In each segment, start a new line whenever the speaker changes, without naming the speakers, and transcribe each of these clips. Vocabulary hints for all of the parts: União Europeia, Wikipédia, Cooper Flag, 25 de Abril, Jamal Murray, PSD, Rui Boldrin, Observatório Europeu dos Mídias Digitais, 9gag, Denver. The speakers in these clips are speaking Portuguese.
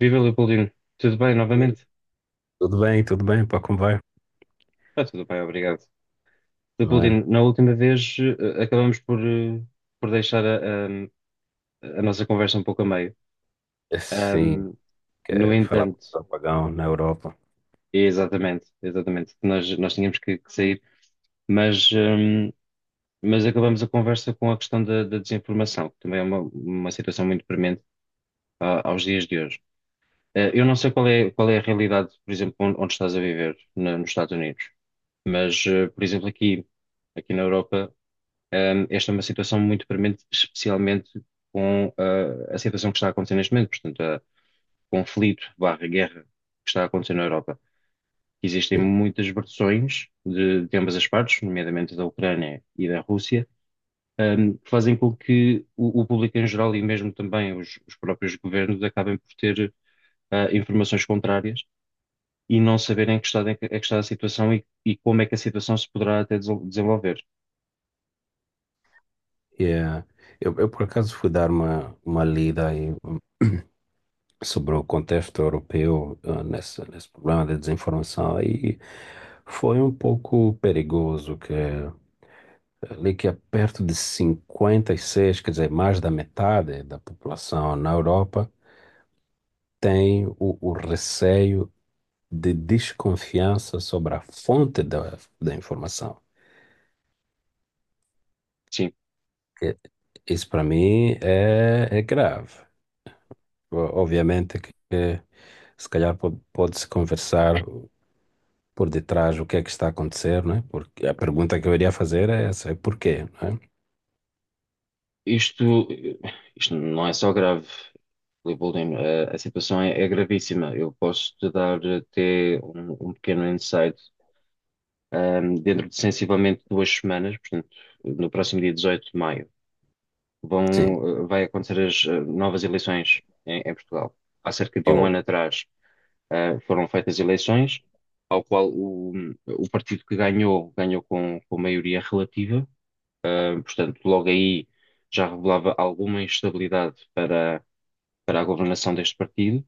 Viva Leopoldino, tudo bem
Ei,
novamente?
tudo bem, tudo bem, pá, como vai?
Está tudo bem, obrigado.
Não é?
Leopoldino, na última vez acabamos por deixar a nossa conversa um pouco a meio.
Assim,
Ahm, no
quer falar com
entanto,
o apagão na Europa.
é exatamente, exatamente, nós tínhamos que sair, mas, ahm, mas acabamos a conversa com a questão da desinformação, que também é uma situação muito premente aos dias de hoje. Eu não sei qual é a realidade, por exemplo, onde estás a viver, nos Estados Unidos, mas, por exemplo, aqui. Aqui na Europa, esta é uma situação muito premente, especialmente com a situação que está a acontecer neste momento, portanto, a conflito barra guerra que está a acontecer na Europa. Existem
Sim.
muitas versões de ambas as partes, nomeadamente da Ucrânia e da Rússia, que fazem com que o público em geral e mesmo também os próprios governos acabem por ter informações contrárias e não saberem que estado é que está a situação e como é que a situação se poderá até desenvolver.
E, eh, eu, por acaso, fui dar uma lida aí sobre o contexto europeu, nesse problema da desinformação, e foi um pouco perigoso, ali que é perto de 56, quer dizer, mais da metade da população na Europa tem o receio de desconfiança sobre a fonte da informação.
Sim,
E- Isso para mim é grave. Obviamente que se calhar pode-se conversar por detrás o que é que está a acontecer, não é? Porque a pergunta que eu iria fazer é essa, é porquê, não é?
Isto, isto não é só grave, Rui Boldrin. A situação é gravíssima. Eu posso te dar até um pequeno insight. Dentro de sensivelmente duas semanas, portanto, no próximo dia 18 de maio,
Sim.
vai acontecer as novas eleições em Portugal. Há cerca de um
Ou,
ano atrás, foram feitas eleições, ao qual o partido que ganhou com maioria relativa. Portanto, logo aí já revelava alguma instabilidade para a governação deste partido.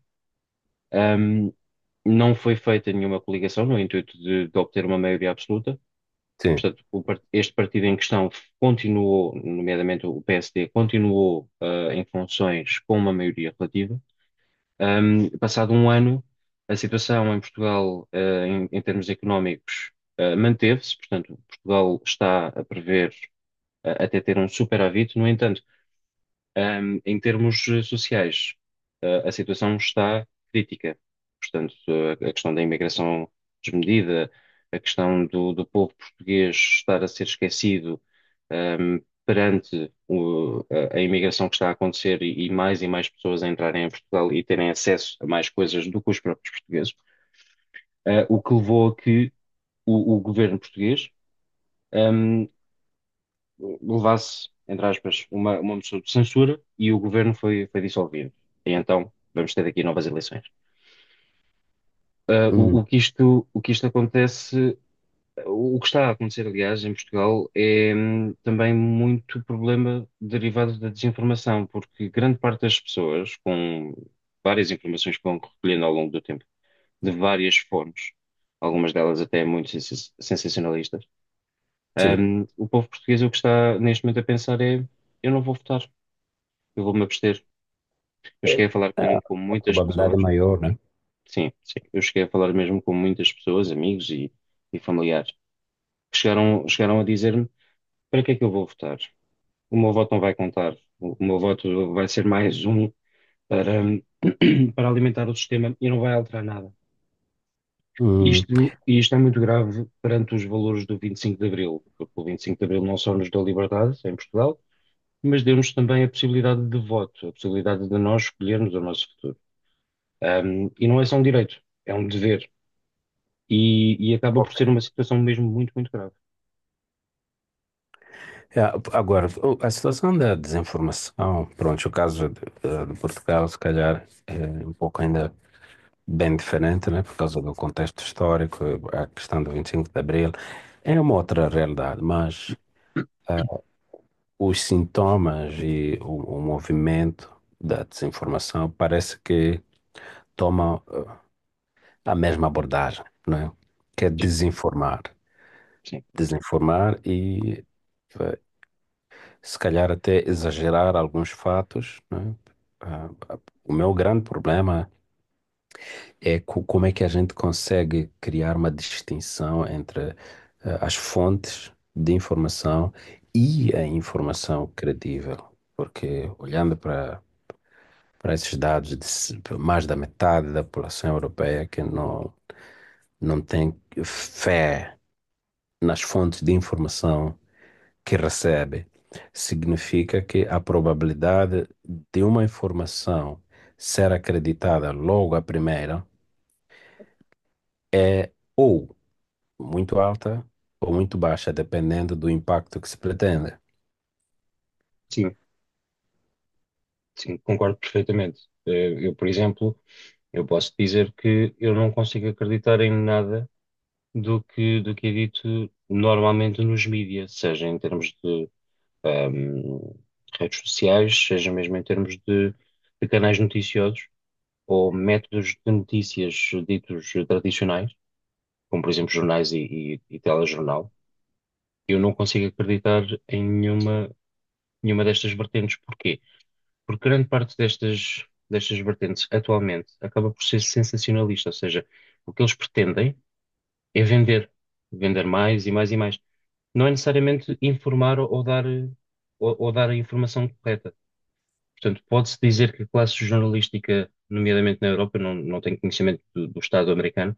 Ahm, não foi feita nenhuma coligação no intuito de obter uma maioria absoluta.
sim.
Portanto, o este partido em questão continuou, nomeadamente o PSD, continuou, em funções com uma maioria relativa. Passado um ano, a situação em Portugal, em termos económicos, manteve-se. Portanto, Portugal está a prever, até ter um superávit. No entanto, em termos sociais, a situação está crítica. Portanto, a questão da imigração desmedida, a questão do povo português estar a ser esquecido, ahm, perante a imigração que está a acontecer e mais e mais pessoas a entrarem em Portugal e terem acesso a mais coisas do que os próprios portugueses, o que levou a que o governo português levasse, entre aspas, uma moção de censura e o governo foi dissolvido. E então vamos ter aqui novas eleições. Ah,
Hum,
o, o que isto, o que isto acontece, o que está a acontecer, aliás, em Portugal é também muito problema derivado da desinformação, porque grande parte das pessoas, com várias informações que vão recolhendo ao longo do tempo, de várias fontes, algumas delas até muito sensacionalistas,
sim.
o povo português o que está neste momento a pensar é: Eu não vou votar. Eu vou-me abster. Eu
É,
cheguei a falar com
a
muitas
probabilidade é
pessoas,
maior, né?
sim, sim, eu cheguei a falar mesmo com muitas pessoas, amigos e familiares, que chegaram a dizer-me para que é que eu vou votar? O meu voto não vai contar, o meu voto vai ser mais um para, para alimentar o sistema e não vai alterar nada.
Hum.
Isto é muito grave perante os valores do 25 de Abril, porque o 25 de Abril não só nos deu liberdade em Portugal, mas deu-nos também a possibilidade de voto, a possibilidade de nós escolhermos o nosso futuro. E não é só um direito, é um dever. E, e acaba por
Ok.
ser uma situação mesmo muito, muito grave.
É, agora, a situação da desinformação, pronto, o caso de, de Portugal, se calhar, é um pouco ainda bem diferente, né? Por causa do contexto histórico, a questão do 25 de Abril. É uma outra realidade, mas os sintomas e o movimento da desinformação parece que toma a mesma abordagem, né? Que é
Sim,
desinformar.
sim,
Desinformar e eh, se calhar até exagerar alguns fatos, né? Ah, ah, o meu grande problema é como é que a gente consegue criar uma distinção entre as fontes de informação e a informação credível. Porque olhando para esses dados de mais da metade da população europeia que não tem fé nas fontes de informação que recebe, significa que a probabilidade de uma informação ser acreditada logo à primeira é ou muito alta ou muito baixa, dependendo do impacto que se pretende.
sim, sim, concordo perfeitamente. Eu, por exemplo, eu posso dizer que eu não consigo acreditar em nada do que é dito normalmente nos mídias, seja em termos de ahm, redes sociais, seja mesmo em termos de canais noticiosos ou métodos de notícias ditos tradicionais, como por exemplo jornais e telejornal. Eu não consigo acreditar em nenhuma, nenhuma destas vertentes. Porquê? Porque grande parte destas vertentes, atualmente, acaba por ser sensacionalista. Ou seja, o que eles pretendem é vender. Vender mais e mais e mais. Não é necessariamente informar ou dar a informação correta. Portanto, pode-se dizer que a classe jornalística, nomeadamente na Europa, não tenho conhecimento do Estado americano,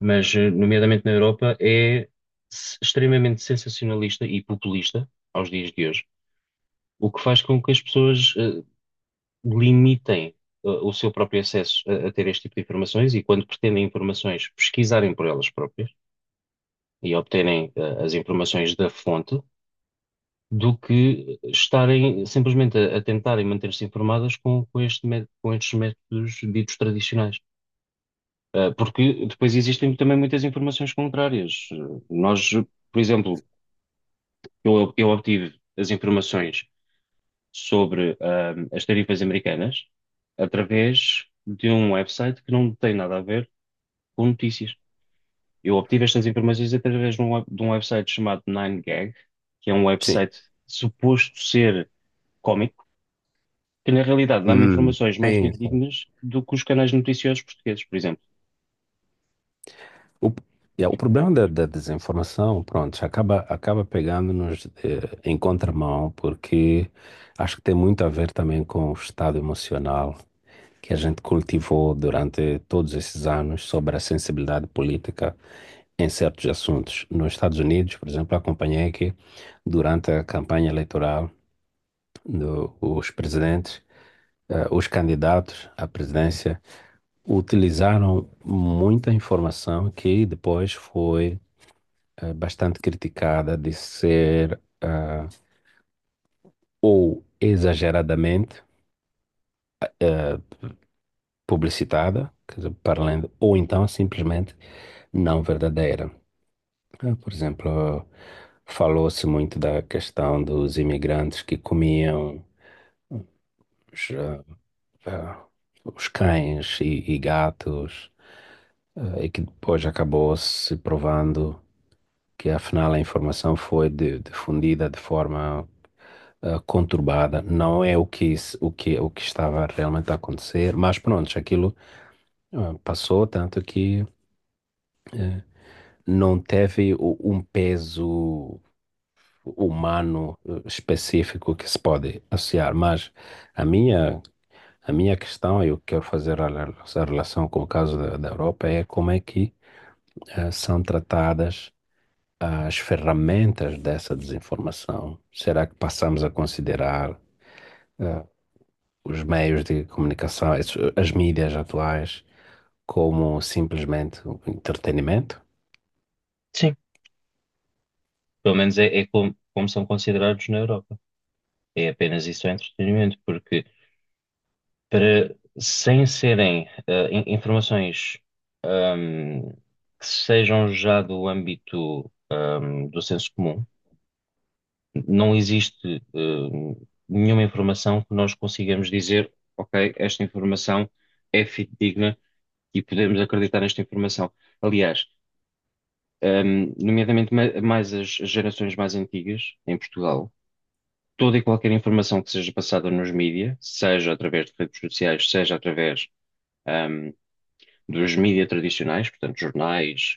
mas, nomeadamente na Europa, é extremamente sensacionalista e populista aos dias de hoje. O que faz com que as pessoas limitem o seu próprio acesso a ter este tipo de informações e, quando pretendem informações, pesquisarem por elas próprias e obterem as informações da fonte, do que estarem simplesmente a tentarem manter-se informadas com, com estes métodos ditos tradicionais. Porque depois existem também muitas informações contrárias. Nós, por exemplo, eu obtive as informações sobre, as tarifas americanas através de um website que não tem nada a ver com notícias. Eu obtive estas informações através de um website chamado 9gag, que é um
Sim.
website suposto ser cómico, que na realidade dá-me
Hum,
informações mais
sim. Sim.
fidedignas do que os canais noticiosos portugueses, por exemplo.
O, é, o problema da desinformação, pronto, acaba pegando-nos em contramão, porque acho que tem muito a ver também com o estado emocional que a gente cultivou durante todos esses anos sobre a sensibilidade política em certos assuntos. Nos Estados Unidos, por exemplo, acompanhei que durante a campanha eleitoral, os os candidatos à presidência utilizaram muita informação que depois foi bastante criticada de ser ou exageradamente publicitada, quer dizer, para além, ou então simplesmente não verdadeira. Por exemplo, falou-se muito da questão dos imigrantes que comiam os, ah, ah, os cães e gatos, e que depois acabou se provando que afinal a informação foi difundida de forma conturbada. Não é o que, o que estava realmente a acontecer, mas pronto, aquilo passou, tanto que não teve um peso humano específico que se pode associar. Mas a minha, a minha questão, e eu quero fazer relação com o caso da Europa, é como é que são tratadas as ferramentas dessa desinformação? Será que passamos a considerar os meios de comunicação, as mídias atuais, como simplesmente um entretenimento?
Sim. Pelo menos é como são considerados na Europa. É apenas isso, é entretenimento, porque sem serem informações ahm, que sejam já do âmbito do senso comum, não existe nenhuma informação que nós consigamos dizer, ok, esta informação é fidedigna e podemos acreditar nesta informação. Aliás, nomeadamente mais as gerações mais antigas em Portugal, toda e qualquer informação que seja passada nos mídias, seja através de redes sociais, seja através hum, dos mídias tradicionais, portanto, jornais,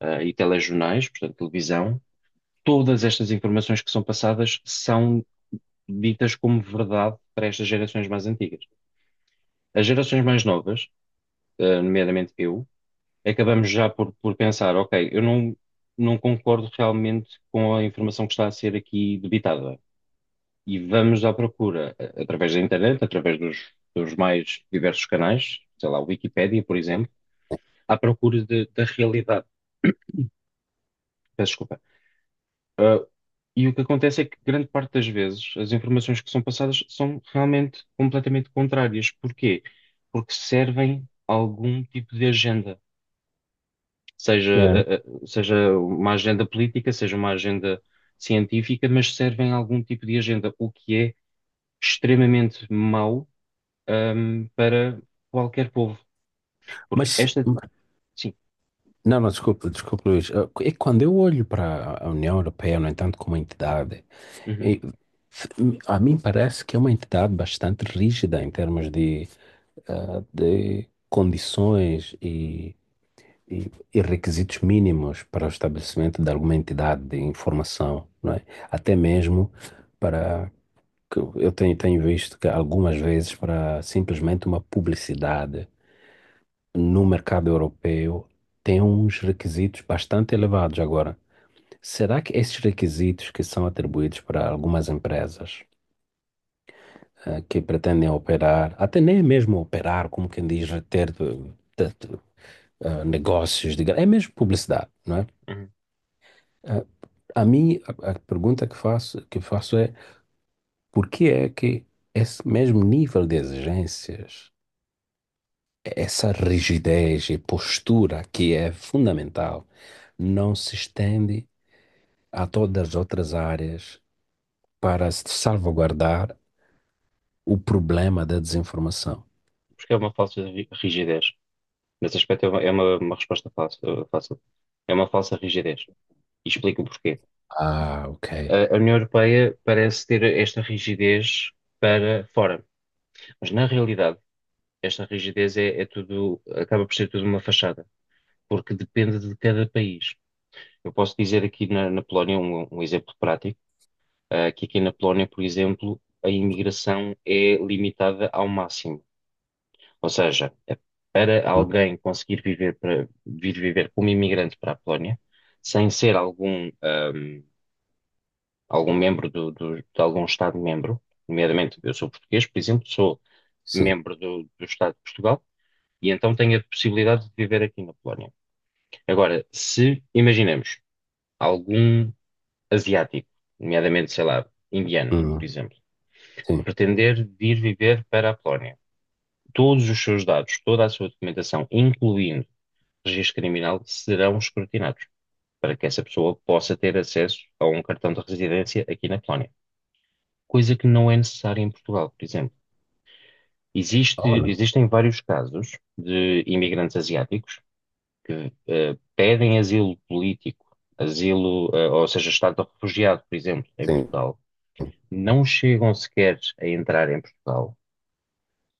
e telejornais, portanto, televisão, todas estas informações que são passadas são ditas como verdade para estas gerações mais antigas. As gerações mais novas, nomeadamente eu, acabamos já por pensar, ok, eu não concordo realmente com a informação que está a ser aqui debitada. E vamos à procura, através da internet, através dos mais diversos canais, sei lá, Wikipédia, por exemplo, à procura da realidade. Peço desculpa. E o que acontece é que grande parte das vezes as informações que são passadas são realmente completamente contrárias. Porquê? Porque servem a algum tipo de agenda, seja,
Yeah.
eh, eh, seja uma agenda política, seja uma agenda científica, mas servem a algum tipo de agenda, o que é extremamente mau, para qualquer povo. Porque
Mas,
esta, sim,
não, não, desculpe, desculpe, Luís. Ah, e quando eu olho para a União Europeia, no entanto, como entidade,
uhum,
e- a mim parece que é uma entidade bastante rígida em termos de, de condições e requisitos mínimos para o estabelecimento de alguma entidade de informação, não é? Até mesmo para que eu tenho visto que algumas vezes para simplesmente uma publicidade no mercado europeu tem uns requisitos bastante elevados agora. Será que esses requisitos que são atribuídos para algumas empresas que pretendem operar, até nem mesmo operar, como quem diz, ter, negócios, é mesmo publicidade, não é?
uhum.
A mim, a pergunta que faço é por que é que esse mesmo nível de exigências, essa rigidez e postura que é fundamental, não se estende a todas as outras áreas para se salvaguardar o problema da desinformação?
Porque é uma falsa rigidez. Nesse aspecto é uma resposta fácil, fácil. É uma falsa rigidez. E explico o porquê.
Ah, ok.
A União Europeia parece ter esta rigidez para fora, mas na realidade esta rigidez é tudo, acaba por ser tudo uma fachada, porque depende de cada país. Eu posso dizer aqui na Polónia um exemplo prático, que aqui na Polónia, por exemplo, a imigração é limitada ao máximo, ou seja, para
Hum,
alguém conseguir viver para vir viver como imigrante para a Polónia, sem ser algum membro de algum Estado-membro, nomeadamente eu sou português, por exemplo, sou
sim.
membro do Estado de Portugal e então tenho a possibilidade de viver aqui na Polónia. Agora, se imaginemos algum asiático, nomeadamente, sei lá, indiano, por
Hum,
exemplo,
sim.
pretender vir viver para a Polónia, todos os seus dados, toda a sua documentação, incluindo registro criminal, serão escrutinados. Para que essa pessoa possa ter acesso a um cartão de residência aqui na Polónia, coisa que não é necessária em Portugal, por exemplo.
Oh, não.
Existem vários casos de imigrantes asiáticos que pedem asilo político, asilo, ou seja, estado de refugiado, por exemplo, em
Sim.
Portugal, não chegam sequer a entrar em Portugal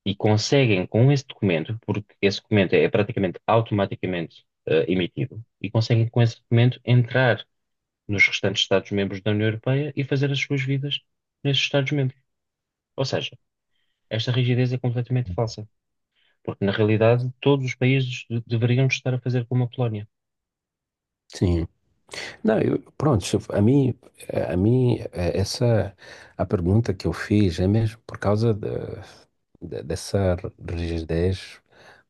e conseguem, com esse documento, porque esse documento é praticamente automaticamente emitido, e conseguem, com esse documento, entrar nos restantes Estados-membros da União Europeia e fazer as suas vidas nesses Estados-membros. Ou seja, esta rigidez é completamente falsa. Porque, na realidade, todos os países deveriam estar a fazer como a Polónia,
Sim. Não, eu, pronto, se eu- a mim, a mim, eh, essa, a pergunta que eu fiz é mesmo por causa dessa rigidez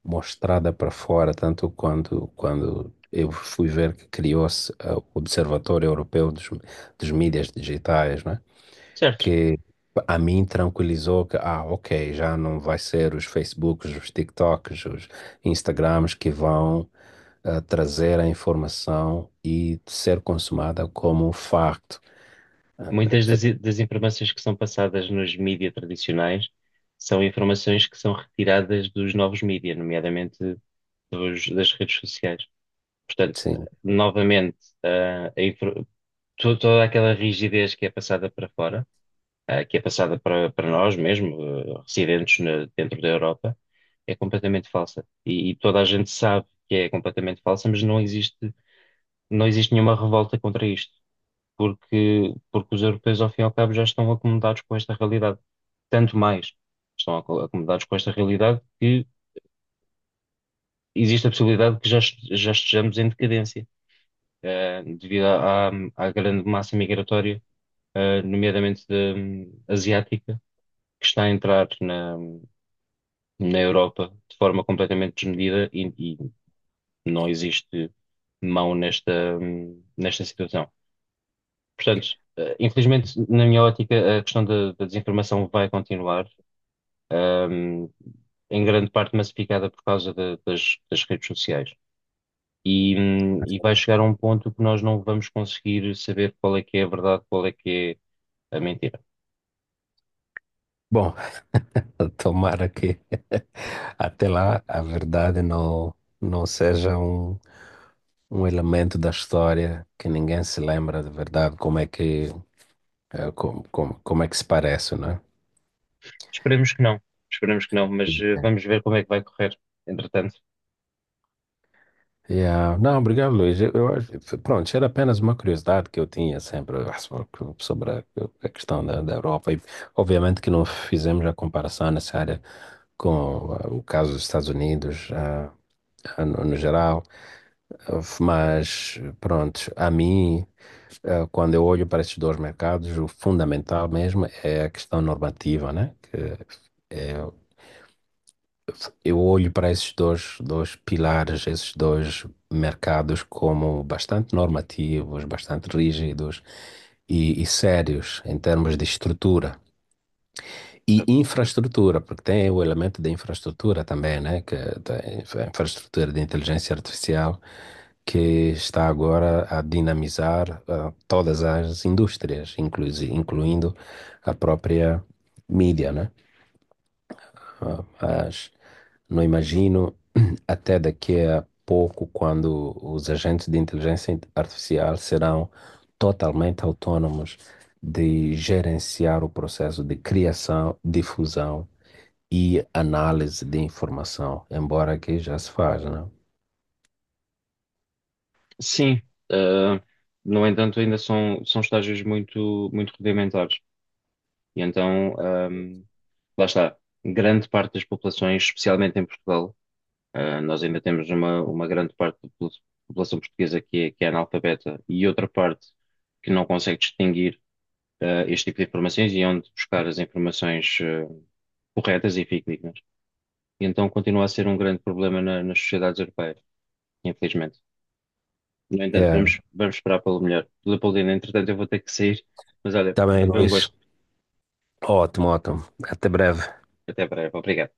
mostrada para fora, tanto quando, quando eu fui ver que criou-se o Observatório Europeu dos Mídias Digitais,
certo?
que a mim tranquilizou que, ah, ok, já não vai ser os Facebooks, os TikToks, os Instagrams que vão trazer a informação e ser consumada como um facto.
Muitas
Eh,
das informações que são passadas nos mídias tradicionais são informações que são retiradas dos novos mídias, nomeadamente das redes sociais. Portanto,
sim.
novamente, ah, a infor- toda aquela rigidez que é passada para fora, que é passada para nós mesmo, residentes dentro da Europa, é completamente falsa. E toda a gente sabe que é completamente falsa, mas não existe nenhuma revolta contra isto, porque os europeus, ao fim e ao cabo, já estão acomodados com esta realidade. Tanto mais estão acomodados com esta realidade que existe a possibilidade que já estejamos em decadência, devido à, à grande massa migratória, nomeadamente asiática, que está a entrar na Europa de forma completamente desmedida e não existe mão nesta situação. Portanto, infelizmente, na minha ótica, a questão da desinformação vai continuar, ahm, em grande parte massificada por causa das redes sociais. E vai chegar a um ponto que nós não vamos conseguir saber qual é que é a verdade, qual é que é a mentira.
Bom, tomara que até lá a verdade não seja um elemento da história que ninguém se lembra de verdade como é que, como é que se parece, né?
Esperemos que não, esperemos que não, mas vamos ver como é que vai correr, entretanto.
Yeah. Não, obrigado, Luiz. Pronto, era apenas uma curiosidade que eu tinha sempre sobre a questão da Europa. E, obviamente que não fizemos a comparação necessária com o caso dos Estados Unidos, no, no geral. Ah, mas, pronto, quando eu olho para estes dois mercados, o fundamental mesmo é a questão normativa, né? Eu olho para dois pilares, esses dois mercados como bastante normativos, bastante rígidos e sérios em termos de estrutura e
Certo.
infraestrutura, porque tem o elemento da infraestrutura também, né? Que tem a infraestrutura de inteligência artificial que está agora a dinamizar todas as indústrias, incluindo a própria mídia, né? Ah, mas não imagino até daqui a pouco quando os agentes de inteligência artificial serão totalmente autônomos de gerenciar o processo de criação, difusão e análise de informação, embora aqui já se faz, né?
Sim, ah, no entanto, ainda são estágios muito, muito rudimentares. E então, hum, lá está, grande parte das populações, especialmente em Portugal, nós ainda temos uma grande parte da população portuguesa que é analfabeta e outra parte que não consegue distinguir este tipo de informações e é onde buscar as informações corretas e fidedignas. E então continua a ser um grande problema nas sociedades europeias, infelizmente. No entanto,
É,
vamos esperar pelo melhor. Leopoldina, entretanto, eu vou ter que sair, mas olha,
também,
foi um
Luís.
gosto.
Ótimo, ótimo. Até breve.
Até breve. Obrigado.